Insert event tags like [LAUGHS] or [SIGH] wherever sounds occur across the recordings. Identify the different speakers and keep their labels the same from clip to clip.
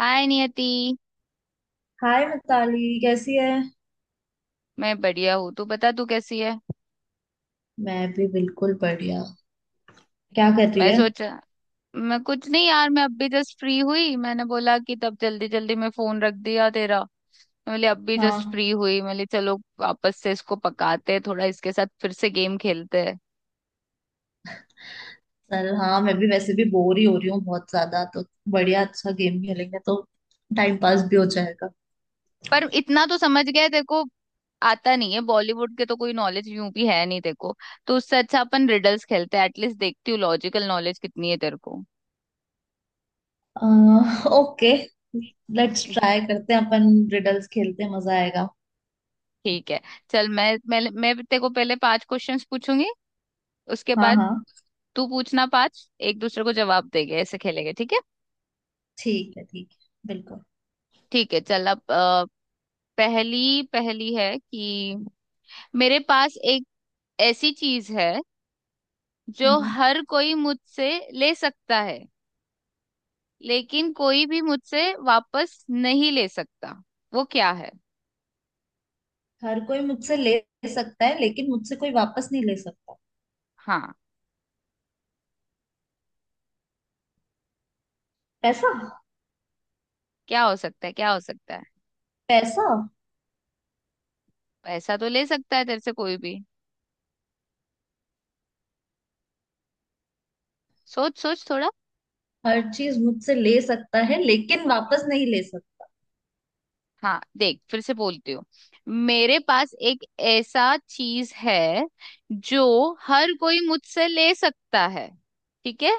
Speaker 1: हाय Niyati.
Speaker 2: Hi Mitali, कैसी है।
Speaker 1: मैं बढ़िया हूँ। तू बता, तू कैसी है?
Speaker 2: मैं भी बिल्कुल बढ़िया। क्या कर रही
Speaker 1: मैं
Speaker 2: है।
Speaker 1: सोचा मैं कुछ नहीं यार, मैं अभी जस्ट फ्री हुई। मैंने बोला कि तब जल्दी जल्दी मैं फोन रख दिया तेरा। मैं बोली अभी जस्ट
Speaker 2: हाँ,
Speaker 1: फ्री हुई, मैं बोली चलो वापस से इसको पकाते हैं, थोड़ा इसके साथ फिर से गेम खेलते हैं।
Speaker 2: चल हाँ, मैं भी वैसे भी बोर ही हो रही हूँ बहुत ज्यादा, तो बढ़िया, अच्छा गेम खेलेंगे तो टाइम पास भी हो जाएगा।
Speaker 1: पर इतना तो समझ गया है, तेरे को आता नहीं है। बॉलीवुड के तो कोई नॉलेज यूं भी है नहीं तेरे को, तो उससे अच्छा अपन रिडल्स खेलते हैं। एटलीस्ट देखती हूँ लॉजिकल नॉलेज कितनी है तेरे को।
Speaker 2: ओके, लेट्स ट्राई
Speaker 1: [LAUGHS]
Speaker 2: करते हैं, अपन रिडल्स खेलते हैं, मजा आएगा।
Speaker 1: ठीक है, चल मैं तेरे को पहले पांच क्वेश्चंस पूछूंगी, उसके
Speaker 2: हाँ
Speaker 1: बाद
Speaker 2: हाँ,
Speaker 1: तू पूछना पांच। एक दूसरे को जवाब देंगे, ऐसे खेलेंगे, ठीक है?
Speaker 2: ठीक है ठीक है, बिल्कुल।
Speaker 1: ठीक है, चल अब पहली पहली है कि मेरे पास एक ऐसी चीज है जो
Speaker 2: हम्म।
Speaker 1: हर कोई मुझसे ले सकता है, लेकिन कोई भी मुझसे वापस नहीं ले सकता। वो क्या है?
Speaker 2: हर कोई मुझसे ले सकता है लेकिन मुझसे कोई वापस नहीं ले सकता।
Speaker 1: हाँ,
Speaker 2: पैसा।
Speaker 1: क्या हो सकता है, क्या हो सकता है?
Speaker 2: पैसा।
Speaker 1: पैसा तो ले सकता है तेरे से कोई भी। सोच सोच थोड़ा।
Speaker 2: हर चीज मुझसे ले सकता है लेकिन वापस नहीं ले सकता।
Speaker 1: हाँ देख, फिर से बोलती हूँ। मेरे पास एक ऐसा चीज है जो हर कोई मुझसे ले सकता है, ठीक है,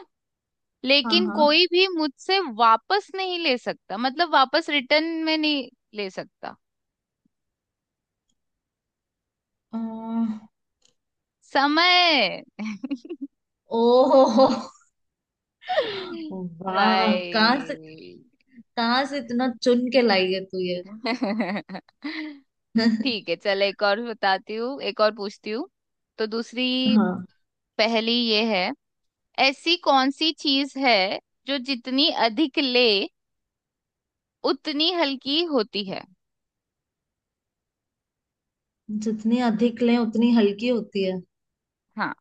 Speaker 2: हाँ
Speaker 1: लेकिन
Speaker 2: हाँ।
Speaker 1: कोई भी मुझसे वापस नहीं ले सकता, मतलब वापस रिटर्न में नहीं ले सकता।
Speaker 2: अह,
Speaker 1: समय। [LAUGHS]
Speaker 2: ओहो, वाह, कहाँ से,
Speaker 1: भाई।
Speaker 2: कहाँ से इतना चुन के लाई है तू ये।
Speaker 1: [LAUGHS] ठीक है,
Speaker 2: [LAUGHS]
Speaker 1: चल एक और बताती हूँ, एक और पूछती हूँ। तो दूसरी
Speaker 2: हाँ।
Speaker 1: पहेली ये है। ऐसी कौन सी चीज है जो जितनी अधिक ले उतनी हल्की होती है?
Speaker 2: जितनी अधिक लें उतनी हल्की होती है।
Speaker 1: हाँ,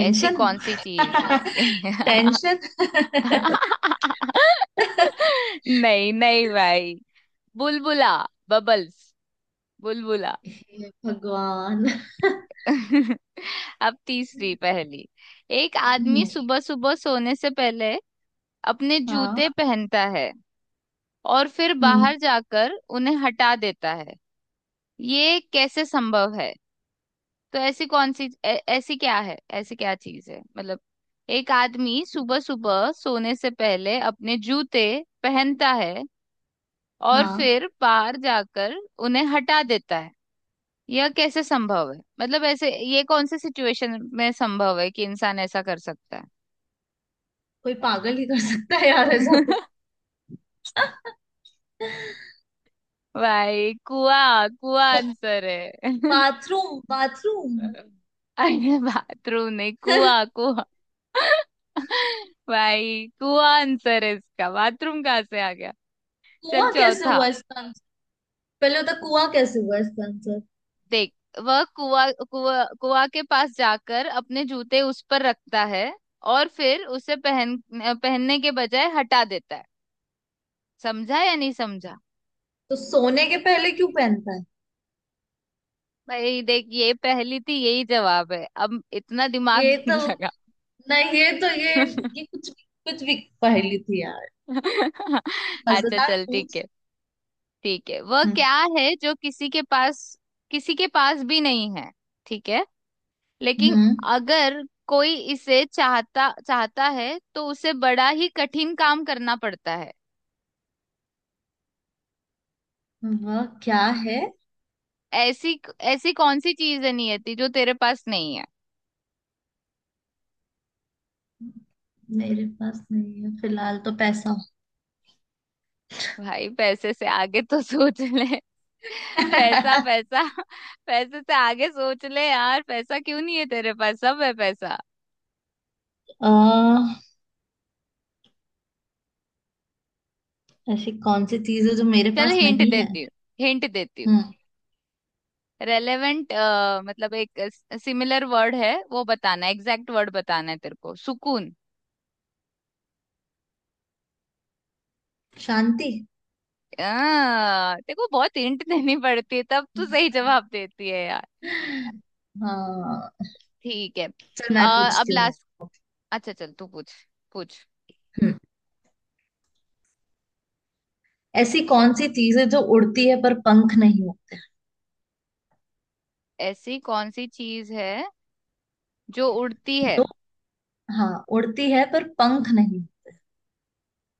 Speaker 1: ऐसी कौन सी चीज है?
Speaker 2: [LAUGHS]
Speaker 1: [LAUGHS]
Speaker 2: टेंशन। [LAUGHS]
Speaker 1: नहीं नहीं भाई, बुलबुला, बबल्स, बुलबुला।
Speaker 2: हे भगवान।
Speaker 1: [LAUGHS] अब तीसरी पहेली। एक आदमी
Speaker 2: हम्म।
Speaker 1: सुबह सुबह सोने से पहले अपने जूते
Speaker 2: हाँ।
Speaker 1: पहनता है और फिर
Speaker 2: हम्म।
Speaker 1: बाहर जाकर उन्हें हटा देता है। ये कैसे संभव है? तो ऐसी कौन सी ऐसी क्या है, ऐसी क्या चीज है? मतलब एक आदमी सुबह सुबह सोने से पहले अपने जूते पहनता है और
Speaker 2: हाँ।
Speaker 1: फिर बाहर जाकर उन्हें हटा देता है। यह कैसे संभव है? मतलब ऐसे ये कौन से सिचुएशन में संभव है कि इंसान ऐसा कर सकता है?
Speaker 2: कोई पागल ही कर सकता है यार ऐसा तो।
Speaker 1: [LAUGHS]
Speaker 2: [LAUGHS]
Speaker 1: भाई, कुआ कुआ आंसर है। [LAUGHS]
Speaker 2: Bathroom bathroom.
Speaker 1: अरे बाथरूम नहीं, कुआ कुआ। [LAUGHS] भाई कुआ आंसर है इसका, बाथरूम कहाँ से आ गया? चल
Speaker 2: कुआं कैसे
Speaker 1: चौथा।
Speaker 2: हुआ इसका आंसर। पहले होता, कुआं कैसे हुआ इसका आंसर।
Speaker 1: देख, वह कुआ कुआ कुआ के पास जाकर अपने जूते उस पर रखता है और फिर उसे पहनने के बजाय हटा देता है। समझा या नहीं समझा?
Speaker 2: तो सोने के पहले क्यों पहनता है।
Speaker 1: भाई देख, ये पहली थी, यही जवाब है, अब इतना दिमाग
Speaker 2: ये तो
Speaker 1: नहीं लगा।
Speaker 2: नहीं, ये तो ये कुछ भी, कुछ भी पहेली थी यार।
Speaker 1: [LAUGHS] अच्छा
Speaker 2: मजेदार
Speaker 1: चल, ठीक
Speaker 2: पूछ।
Speaker 1: है। ठीक है, वह
Speaker 2: हम्म।
Speaker 1: क्या है जो किसी के पास भी नहीं है, ठीक है, लेकिन
Speaker 2: हम्म।
Speaker 1: अगर कोई इसे चाहता चाहता है तो उसे बड़ा ही कठिन काम करना पड़ता है?
Speaker 2: वह क्या है।
Speaker 1: ऐसी ऐसी कौन सी चीज है नियति जो तेरे पास नहीं है?
Speaker 2: मेरे पास नहीं है फिलहाल तो पैसा।
Speaker 1: भाई पैसे से आगे तो सोच ले। [LAUGHS] पैसा
Speaker 2: [LAUGHS]
Speaker 1: पैसा पैसे से आगे सोच ले यार। पैसा क्यों नहीं है तेरे पास, सब है पैसा।
Speaker 2: अह, ऐसी कौन सी चीज है जो मेरे
Speaker 1: चल
Speaker 2: पास
Speaker 1: हिंट
Speaker 2: नहीं है।
Speaker 1: देती हूँ, हिंट देती हूँ।
Speaker 2: हम्म।
Speaker 1: रेलेवेंट, मतलब एक सिमिलर वर्ड है वो बताना, एग्जैक्ट वर्ड बताना है तेरे को। सुकून।
Speaker 2: शांति।
Speaker 1: देखो बहुत हिंट देनी पड़ती है तब तू सही जवाब
Speaker 2: [LAUGHS]
Speaker 1: देती है यार।
Speaker 2: हाँ।
Speaker 1: ठीक है।
Speaker 2: चल मैं
Speaker 1: अब
Speaker 2: पूछती हूँ।
Speaker 1: लास्ट, अच्छा चल तू पूछ, पूछ।
Speaker 2: हम्म। ऐसी कौन सी चीज है जो उड़ती है पर पंख नहीं होते।
Speaker 1: ऐसी कौन सी चीज है जो उड़ती है
Speaker 2: जो, हाँ उड़ती है पर पंख नहीं होते।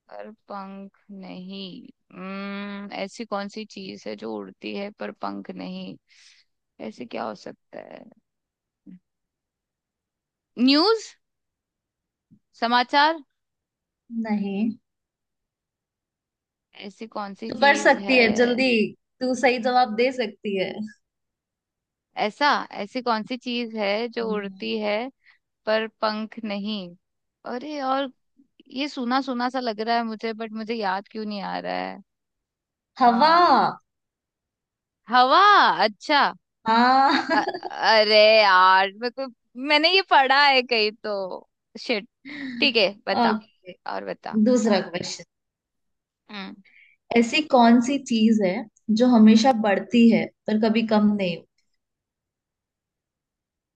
Speaker 1: पर पंख नहीं? हम्म, ऐसी कौन सी चीज है जो उड़ती है पर पंख नहीं? ऐसे क्या हो सकता है? न्यूज, समाचार?
Speaker 2: नहीं।
Speaker 1: ऐसी कौन सी
Speaker 2: तू कर
Speaker 1: चीज है?
Speaker 2: सकती है जल्दी, तू सही जवाब दे सकती है।
Speaker 1: ऐसा, ऐसी कौन सी चीज है जो
Speaker 2: हम्म।
Speaker 1: उड़ती है पर पंख नहीं? अरे और, ये सुना सुना सा लग रहा है मुझे, बट मुझे याद क्यों नहीं आ रहा है?
Speaker 2: हवा।
Speaker 1: आ, हवा, अच्छा।
Speaker 2: हाँ।
Speaker 1: अ- अरे यार मेरे को, मैंने ये पढ़ा है कहीं तो। शिट। ठीक
Speaker 2: [LAUGHS]
Speaker 1: है, बता
Speaker 2: ओके।
Speaker 1: और बता।
Speaker 2: दूसरा क्वेश्चन।
Speaker 1: हम्म,
Speaker 2: ऐसी कौन सी चीज है जो हमेशा बढ़ती है पर कभी कम नहीं हो-,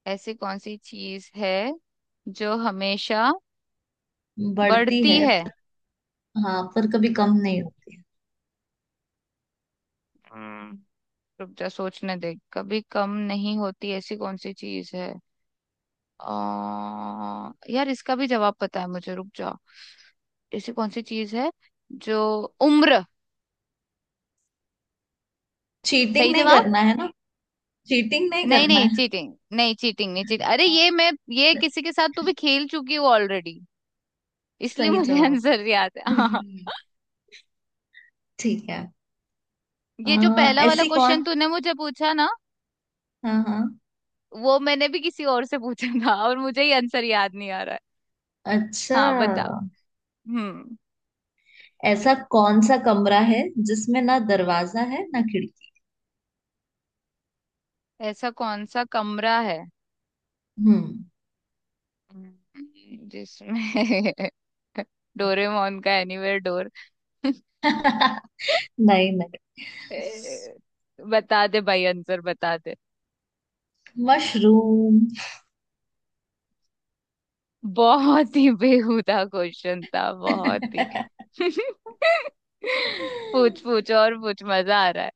Speaker 1: ऐसी कौन सी चीज है जो हमेशा
Speaker 2: बढ़ती
Speaker 1: बढ़ती
Speaker 2: है
Speaker 1: है?
Speaker 2: पर, हाँ पर कभी कम नहीं होती।
Speaker 1: हम्म, रुक जा सोचने दे, कभी कम नहीं होती ऐसी कौन सी चीज है? यार इसका भी जवाब पता है मुझे, रुक जाओ। ऐसी कौन सी चीज है जो, उम्र।
Speaker 2: चीटिंग
Speaker 1: सही
Speaker 2: नहीं
Speaker 1: जवाब।
Speaker 2: करना है ना, चीटिंग नहीं
Speaker 1: नहीं
Speaker 2: करना
Speaker 1: नहीं,
Speaker 2: है।
Speaker 1: चीटिंग नहीं, चीटिंग नहीं, चीटिंग। अरे
Speaker 2: हाँ।
Speaker 1: ये मैं, ये किसी के साथ तू भी खेल चुकी हो ऑलरेडी, इसलिए
Speaker 2: सही
Speaker 1: मुझे [LAUGHS]
Speaker 2: जवाब।
Speaker 1: आंसर याद है। हाँ,
Speaker 2: हम्म। ठीक है।
Speaker 1: ये जो पहला वाला
Speaker 2: ऐसी
Speaker 1: क्वेश्चन
Speaker 2: कौन,
Speaker 1: तूने मुझे पूछा ना,
Speaker 2: हाँ हाँ,
Speaker 1: वो मैंने भी किसी और से पूछा था और मुझे ही आंसर याद नहीं आ रहा है।
Speaker 2: अच्छा
Speaker 1: हाँ बता। हम्म,
Speaker 2: ऐसा कौन सा कमरा है जिसमें ना दरवाजा है ना खिड़की।
Speaker 1: ऐसा कौन सा कमरा है?
Speaker 2: हम्म।
Speaker 1: जिसमें [LAUGHS] डोरेमोन का एनीवेयर डोर। ए,
Speaker 2: [LAUGHS]
Speaker 1: [LAUGHS]
Speaker 2: नहीं नहीं।
Speaker 1: बता दे भाई, आंसर बता दे।
Speaker 2: मशरूम।
Speaker 1: बहुत ही बेहुदा क्वेश्चन था, बहुत ही।
Speaker 2: [LAUGHS]
Speaker 1: [LAUGHS] पूछ पूछ और पूछ, मजा आ रहा है।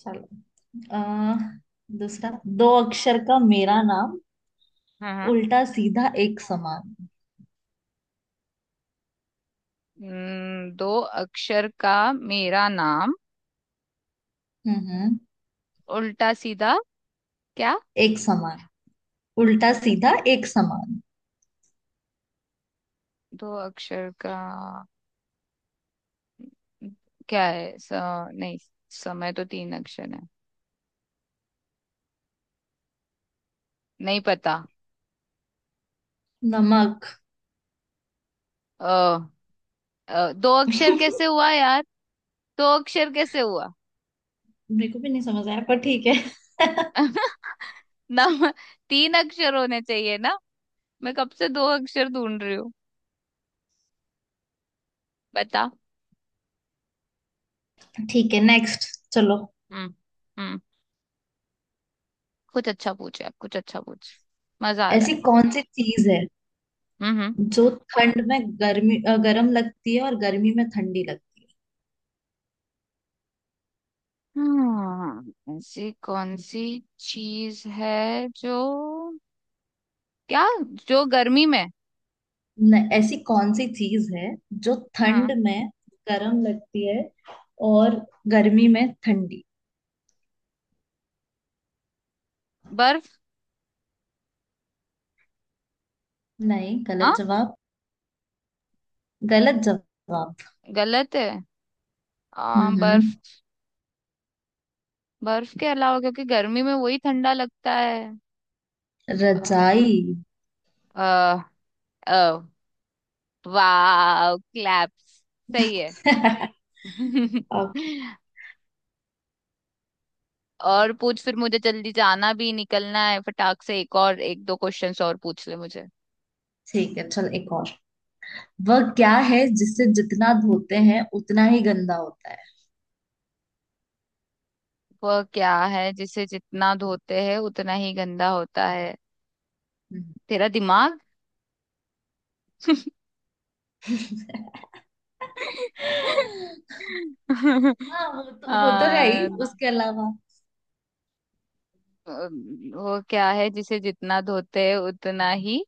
Speaker 2: चलो। आ, दूसरा। दो अक्षर का मेरा नाम,
Speaker 1: हाँ हाँ।
Speaker 2: उल्टा सीधा एक समान।
Speaker 1: दो अक्षर का मेरा नाम,
Speaker 2: हम्म।
Speaker 1: उल्टा सीधा क्या?
Speaker 2: एक समान, उल्टा सीधा एक समान।
Speaker 1: दो अक्षर का क्या है? स, नहीं, समय तो तीन अक्षर है। नहीं पता।
Speaker 2: नमक।
Speaker 1: अ दो अक्षर कैसे
Speaker 2: [LAUGHS]
Speaker 1: हुआ यार? दो अक्षर कैसे हुआ?
Speaker 2: मेरे को भी नहीं समझ आया पर ठीक है। [LAUGHS]
Speaker 1: [LAUGHS] ना, तीन अक्षर होने चाहिए ना। मैं कब से दो अक्षर ढूंढ रही हूँ। बता।
Speaker 2: ठीक है, नेक्स्ट। चलो।
Speaker 1: हम्म। हम्म। कुछ अच्छा पूछ यार, कुछ अच्छा पूछ, मजा आ रहा
Speaker 2: ऐसी
Speaker 1: है।
Speaker 2: कौन सी चीज है
Speaker 1: हम्म। हम्म।
Speaker 2: जो ठंड में गर्मी गर्म लगती है और गर्मी में ठंडी लगती
Speaker 1: हम्म, ऐसी कौन सी चीज है जो? क्या? जो गर्मी में?
Speaker 2: है न। ऐसी कौन सी चीज है जो ठंड
Speaker 1: हाँ।
Speaker 2: में गर्म लगती है और गर्मी में ठंडी।
Speaker 1: बर्फ।
Speaker 2: नहीं,
Speaker 1: हाँ,
Speaker 2: गलत जवाब। गलत जवाब।
Speaker 1: गलत है।
Speaker 2: हम्म। हम्म।
Speaker 1: बर्फ, बर्फ के अलावा क्योंकि गर्मी में वही ठंडा लगता है।
Speaker 2: रजाई।
Speaker 1: आ, आ, वाह क्लैप्स, सही है।
Speaker 2: [LAUGHS] ओके।
Speaker 1: [LAUGHS] और पूछ, फिर मुझे जल्दी जाना भी, निकलना है फटाक से। एक और, एक दो क्वेश्चंस और पूछ ले मुझे।
Speaker 2: ठीक है, चल एक और। वह क्या है जिसे जितना धोते हैं उतना ही गंदा होता है।
Speaker 1: वह क्या है जिसे जितना धोते हैं उतना ही गंदा होता है?
Speaker 2: हम्म।
Speaker 1: तेरा दिमाग।
Speaker 2: [LAUGHS]
Speaker 1: [LAUGHS]
Speaker 2: हाँ, वो तो है
Speaker 1: आ,
Speaker 2: ही, उसके अलावा।
Speaker 1: वो क्या है जिसे जितना धोते हैं उतना ही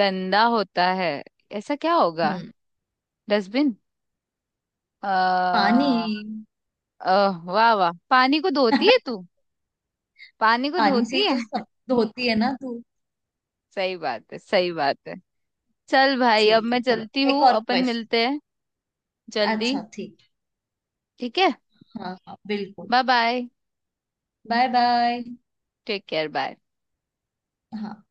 Speaker 1: गंदा होता है? ऐसा क्या होगा?
Speaker 2: हम्म।
Speaker 1: डस्टबिन।
Speaker 2: पानी।
Speaker 1: आ, अह वाह वाह, पानी को धोती है
Speaker 2: [LAUGHS]
Speaker 1: तू, पानी को
Speaker 2: पानी से ही
Speaker 1: धोती है।
Speaker 2: तो सब धोती है ना तू।
Speaker 1: [LAUGHS] सही बात है, सही बात है। चल भाई, अब
Speaker 2: ठीक है,
Speaker 1: मैं
Speaker 2: चलो
Speaker 1: चलती हूँ,
Speaker 2: एक और
Speaker 1: अपन
Speaker 2: क्वेश्चन।
Speaker 1: मिलते हैं। जल्दी।
Speaker 2: अच्छा ठीक।
Speaker 1: ठीक है,
Speaker 2: हाँ हाँ बिल्कुल।
Speaker 1: Bye bye.
Speaker 2: Bye bye.
Speaker 1: Take care, bye.
Speaker 2: हाँ।